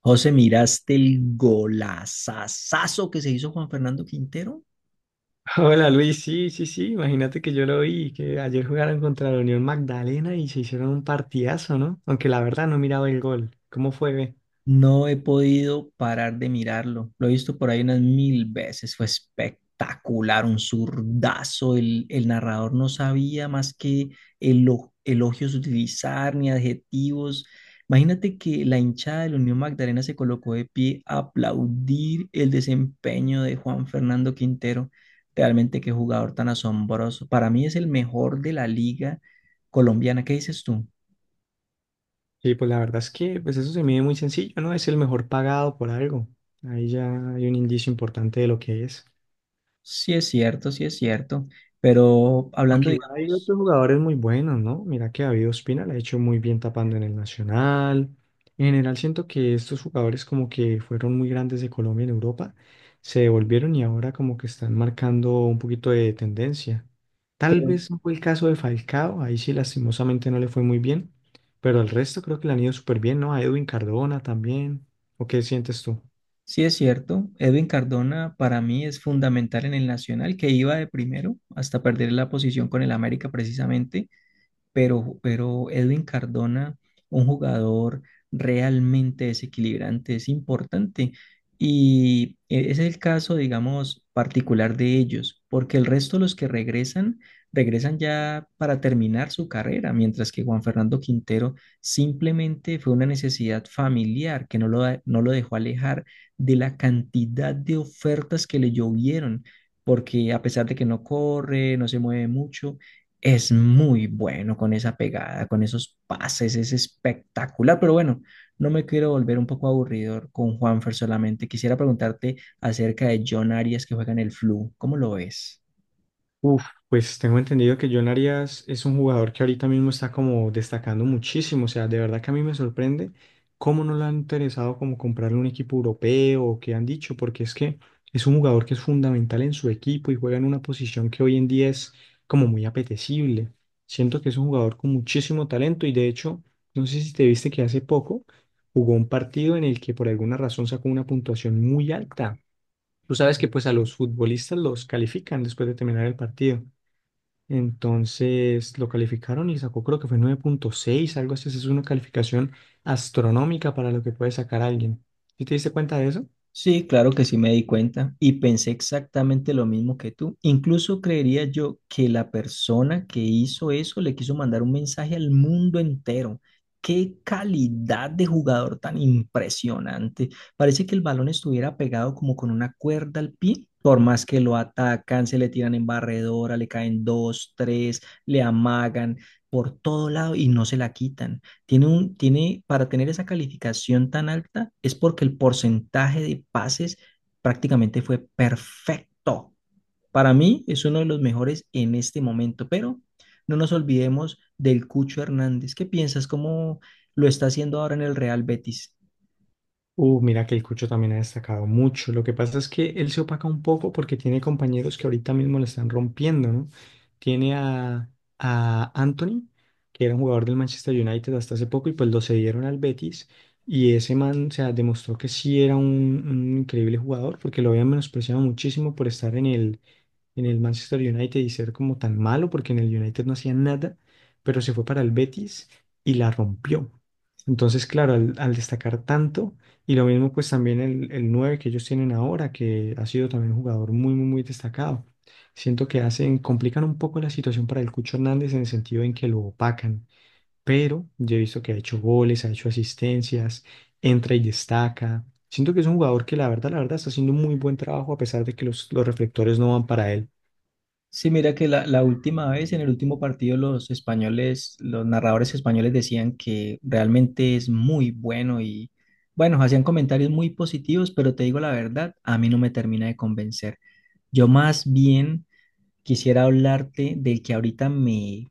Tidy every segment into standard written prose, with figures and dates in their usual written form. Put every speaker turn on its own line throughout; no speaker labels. José, ¿miraste el golazazazo que se hizo Juan Fernando Quintero?
Hola Luis, sí, sí, sí, imagínate que yo lo vi, que ayer jugaron contra la Unión Magdalena y se hicieron un partidazo, ¿no? Aunque la verdad no miraba el gol. ¿Cómo fue? ¿Ve?
No he podido parar de mirarlo. Lo he visto por ahí unas mil veces. Fue espectacular, un zurdazo. El narrador no sabía más que elogios utilizar ni adjetivos. Imagínate que la hinchada de la Unión Magdalena se colocó de pie a aplaudir el desempeño de Juan Fernando Quintero. Realmente qué jugador tan asombroso. Para mí es el mejor de la liga colombiana. ¿Qué dices tú?
Sí, pues la verdad es que pues eso se mide muy sencillo, ¿no? Es el mejor pagado por algo. Ahí ya hay un indicio importante de lo que es.
Sí es cierto, pero hablando,
Aunque igual hay
digamos,
otros jugadores muy buenos, ¿no? Mira que David Ospina la ha hecho muy bien tapando en el Nacional. En general siento que estos jugadores como que fueron muy grandes de Colombia en Europa, se devolvieron y ahora como que están marcando un poquito de tendencia. Tal
pero
vez no fue el caso de Falcao, ahí sí lastimosamente no le fue muy bien, pero el resto creo que le han ido súper bien, ¿no? A Edwin Cardona también. ¿O qué sientes tú?
sí es cierto, Edwin Cardona para mí es fundamental en el Nacional, que iba de primero hasta perder la posición con el América precisamente. Pero Edwin Cardona, un jugador realmente desequilibrante, es importante. Y ese es el caso, digamos, particular de ellos, porque el resto de los que regresan, regresan ya para terminar su carrera, mientras que Juan Fernando Quintero simplemente fue una necesidad familiar que no lo dejó alejar de la cantidad de ofertas que le llovieron, porque a pesar de que no corre, no se mueve mucho, es muy bueno con esa pegada, con esos pases, es espectacular. Pero bueno, no me quiero volver un poco aburridor con Juanfer solamente. Quisiera preguntarte acerca de John Arias que juega en el Flu. ¿Cómo lo ves?
Uf, pues tengo entendido que John Arias es un jugador que ahorita mismo está como destacando muchísimo. O sea, de verdad que a mí me sorprende cómo no le han interesado como comprarle un equipo europeo o qué han dicho, porque es que es un jugador que es fundamental en su equipo y juega en una posición que hoy en día es como muy apetecible. Siento que es un jugador con muchísimo talento y de hecho, no sé si te viste que hace poco jugó un partido en el que por alguna razón sacó una puntuación muy alta. Tú sabes que pues a los futbolistas los califican después de terminar el partido. Entonces lo calificaron y sacó creo que fue nueve punto seis algo así. Esa es una calificación astronómica para lo que puede sacar alguien. ¿Sí te diste cuenta de eso?
Sí, claro que sí me di cuenta y pensé exactamente lo mismo que tú. Incluso creería yo que la persona que hizo eso le quiso mandar un mensaje al mundo entero. Qué calidad de jugador tan impresionante. Parece que el balón estuviera pegado como con una cuerda al pie. Por más que lo atacan, se le tiran en barredora, le caen dos, tres, le amagan por todo lado y no se la quitan. Tiene un, tiene, para tener esa calificación tan alta es porque el porcentaje de pases prácticamente fue perfecto. Para mí es uno de los mejores en este momento, pero no nos olvidemos del Cucho Hernández. ¿Qué piensas? ¿Cómo lo está haciendo ahora en el Real Betis?
Mira que el Cucho también ha destacado mucho. Lo que pasa es que él se opaca un poco porque tiene compañeros que ahorita mismo le están rompiendo, ¿no? Tiene a Anthony, que era un jugador del Manchester United hasta hace poco, y pues lo cedieron al Betis. Y ese man, o sea, demostró que sí era un increíble jugador porque lo habían menospreciado muchísimo por estar en el Manchester United y ser como tan malo, porque en el United no hacía nada, pero se fue para el Betis y la rompió. Entonces, claro, al destacar tanto, y lo mismo pues también el 9 que ellos tienen ahora, que ha sido también un jugador muy, muy, muy destacado. Siento que hacen, complican un poco la situación para el Cucho Hernández en el sentido en que lo opacan, pero yo he visto que ha hecho goles, ha hecho asistencias, entra y destaca. Siento que es un jugador que la verdad está haciendo un muy buen trabajo a pesar de que los reflectores no van para él.
Sí, mira que la última vez, en el último partido, los españoles, los narradores españoles decían que realmente es muy bueno y, bueno, hacían comentarios muy positivos, pero te digo la verdad, a mí no me termina de convencer. Yo más bien quisiera hablarte del que ahorita me,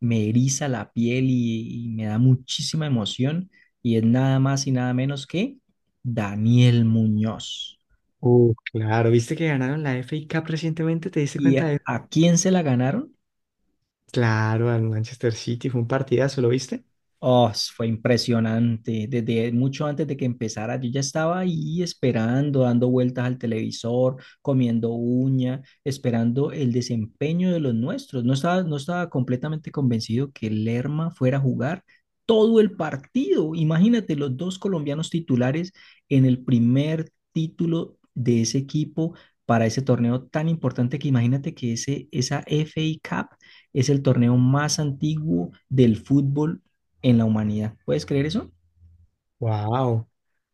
me eriza la piel y me da muchísima emoción, y es nada más y nada menos que Daniel Muñoz.
Claro, ¿viste que ganaron la FA Cup recientemente? ¿Te diste
¿Y
cuenta
a
de eso?
a quién se la ganaron?
Claro, al Manchester City, fue un partidazo, ¿lo viste?
Oh, fue impresionante. Desde mucho antes de que empezara, yo ya estaba ahí esperando, dando vueltas al televisor, comiendo uña, esperando el desempeño de los nuestros. No estaba completamente convencido que Lerma fuera a jugar todo el partido. Imagínate los dos colombianos titulares en el primer título de ese equipo para ese torneo tan importante que imagínate que esa FA Cup es el torneo más antiguo del fútbol en la humanidad. ¿Puedes creer eso?
Wow. O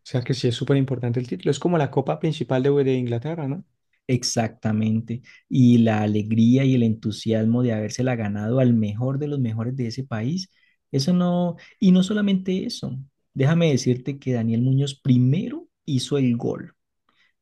sea que sí es súper importante el título. Es como la copa principal de Inglaterra, ¿no?
Exactamente. Y la alegría y el entusiasmo de habérsela ganado al mejor de los mejores de ese país. Eso no, y no solamente eso. Déjame decirte que Daniel Muñoz primero hizo el gol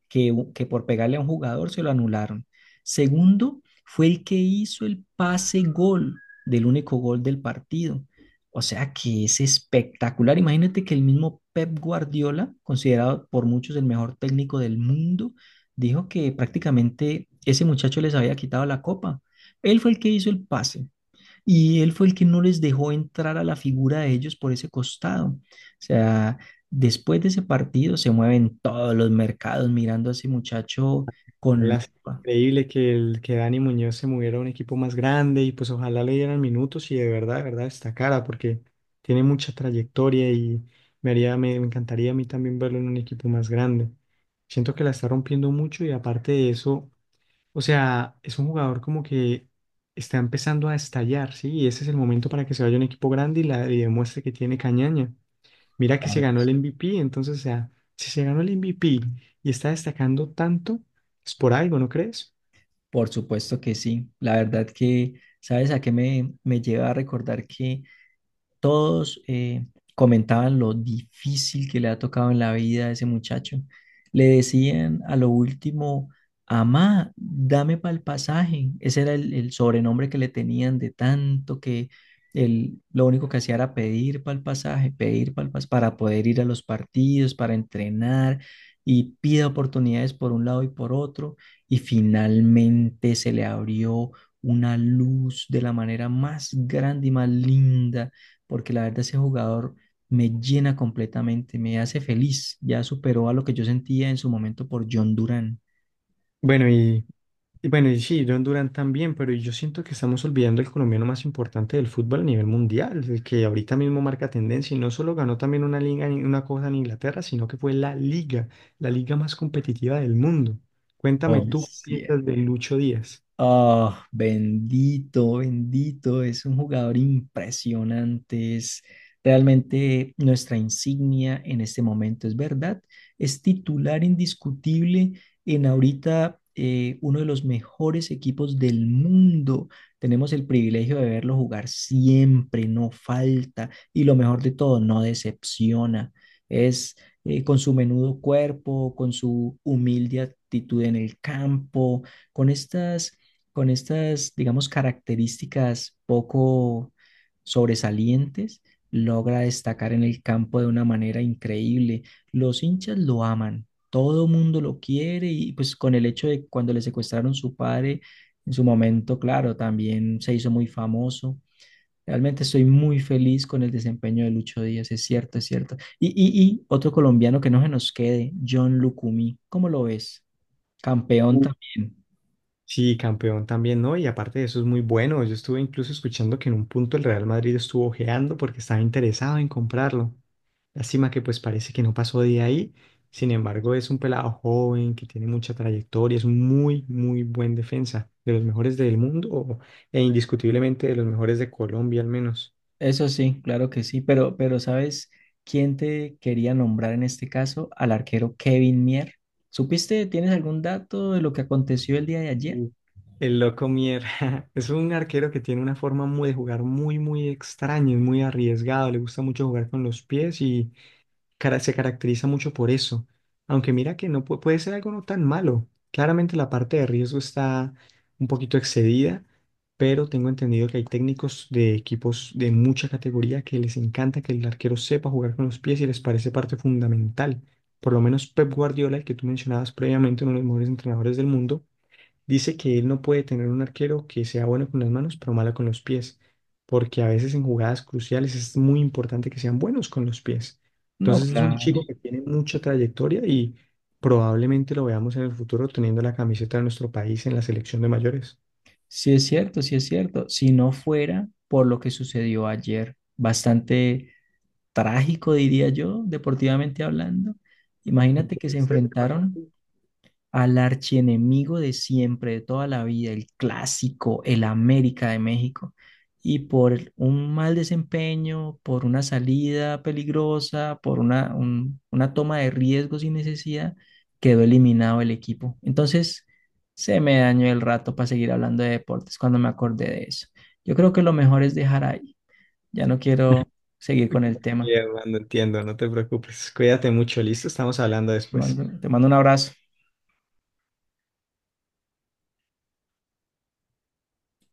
que por pegarle a un jugador se lo anularon. Segundo, fue el que hizo el pase gol del único gol del partido. O sea que es espectacular. Imagínate que el mismo Pep Guardiola, considerado por muchos el mejor técnico del mundo, dijo que prácticamente ese muchacho les había quitado la copa. Él fue el que hizo el pase, y él fue el que no les dejó entrar a la figura de ellos por ese costado. O sea, después de ese partido se mueven todos los mercados mirando a ese muchacho con
La-
lupa.
Increíble que, el, que Dani Muñoz se moviera a un equipo más grande y pues ojalá le dieran minutos y de verdad destacara porque tiene mucha trayectoria y me haría, me encantaría a mí también verlo en un equipo más grande. Siento que la está rompiendo mucho y aparte de eso, o sea, es un jugador como que está empezando a estallar, ¿sí? Y ese es el momento para que se vaya a un equipo grande y, la, y demuestre que tiene cañaña. Mira que se
Claro,
ganó el MVP, entonces, o sea, si se ganó el MVP y está destacando tanto, es por algo, ¿no crees?
por supuesto que sí. La verdad que, ¿sabes a qué me, me lleva a recordar que todos comentaban lo difícil que le ha tocado en la vida a ese muchacho? Le decían a lo último, Amá, dame para el pasaje. Ese era el sobrenombre que le tenían de tanto que él lo único que hacía era pedir para el pasaje, pedir para poder ir a los partidos, para entrenar y pide oportunidades por un lado y por otro. Y finalmente se le abrió una luz de la manera más grande y más linda porque la verdad ese jugador me llena completamente, me hace feliz. Ya superó a lo que yo sentía en su momento por John Duran.
Bueno, y bueno, y sí, John Durán también, pero yo siento que estamos olvidando el colombiano más importante del fútbol a nivel mundial, el que ahorita mismo marca tendencia y no solo ganó también una liga, una cosa en Inglaterra, sino que fue la liga más competitiva del mundo. Cuéntame
Oh,
tú, ¿qué
sí,
piensas de Lucho Díaz?
ah, bendito, bendito, es un jugador impresionante, es realmente nuestra insignia en este momento, es verdad, es titular indiscutible en ahorita uno de los mejores equipos del mundo. Tenemos el privilegio de verlo jugar siempre, no falta y lo mejor de todo, no decepciona. Es con su menudo cuerpo, con su humilde actitud en el campo, con estas con estas, digamos, características poco sobresalientes, logra destacar en el campo de una manera increíble. Los hinchas lo aman, todo mundo lo quiere y pues con el hecho de cuando le secuestraron su padre, en su momento, claro, también se hizo muy famoso. Realmente estoy muy feliz con el desempeño de Lucho Díaz, es cierto, es cierto. Y otro colombiano que no se nos quede, John Lucumí, ¿cómo lo ves? Campeón
Mm.
también.
Sí, campeón también, ¿no? Y aparte de eso es muy bueno. Yo estuve incluso escuchando que en un punto el Real Madrid estuvo ojeando porque estaba interesado en comprarlo. Lástima que pues parece que no pasó de ahí. Sin embargo, es un pelado joven que tiene mucha trayectoria, es un muy, muy buen defensa, de los mejores del mundo e indiscutiblemente de los mejores de Colombia al menos.
Eso sí, claro que sí, pero ¿sabes quién te quería nombrar en este caso? Al arquero Kevin Mier. ¿Supiste, tienes algún dato de lo que aconteció el día de ayer?
Mm. El loco Mier es un arquero que tiene una forma muy de jugar muy, muy extraña, es muy arriesgado, le gusta mucho jugar con los pies se caracteriza mucho por eso. Aunque mira que no puede ser algo no tan malo. Claramente la parte de riesgo está un poquito excedida, pero tengo entendido que hay técnicos de equipos de mucha categoría que les encanta que el arquero sepa jugar con los pies y les parece parte fundamental. Por lo menos Pep Guardiola, el que tú mencionabas previamente, uno de los mejores entrenadores del mundo, dice que él no puede tener un arquero que sea bueno con las manos, pero malo con los pies, porque a veces en jugadas cruciales es muy importante que sean buenos con los pies.
No,
Entonces es un
claro.
chico que tiene mucha trayectoria y probablemente lo veamos en el futuro teniendo la camiseta de nuestro país en la selección de mayores.
Sí es cierto, sí es cierto. Si no fuera por lo que sucedió ayer, bastante trágico, diría yo, deportivamente hablando. Imagínate que se enfrentaron al archienemigo de siempre, de toda la vida, el clásico, el América de México, y por un mal desempeño, por una salida peligrosa, por una toma de riesgo sin necesidad, quedó eliminado el equipo. Entonces, se me dañó el rato para seguir hablando de deportes cuando me acordé de eso. Yo creo que lo mejor es dejar ahí. Ya no quiero seguir con el tema.
Bien, Armando, entiendo, no te preocupes. Cuídate mucho, listo, estamos hablando después.
Te mando un abrazo.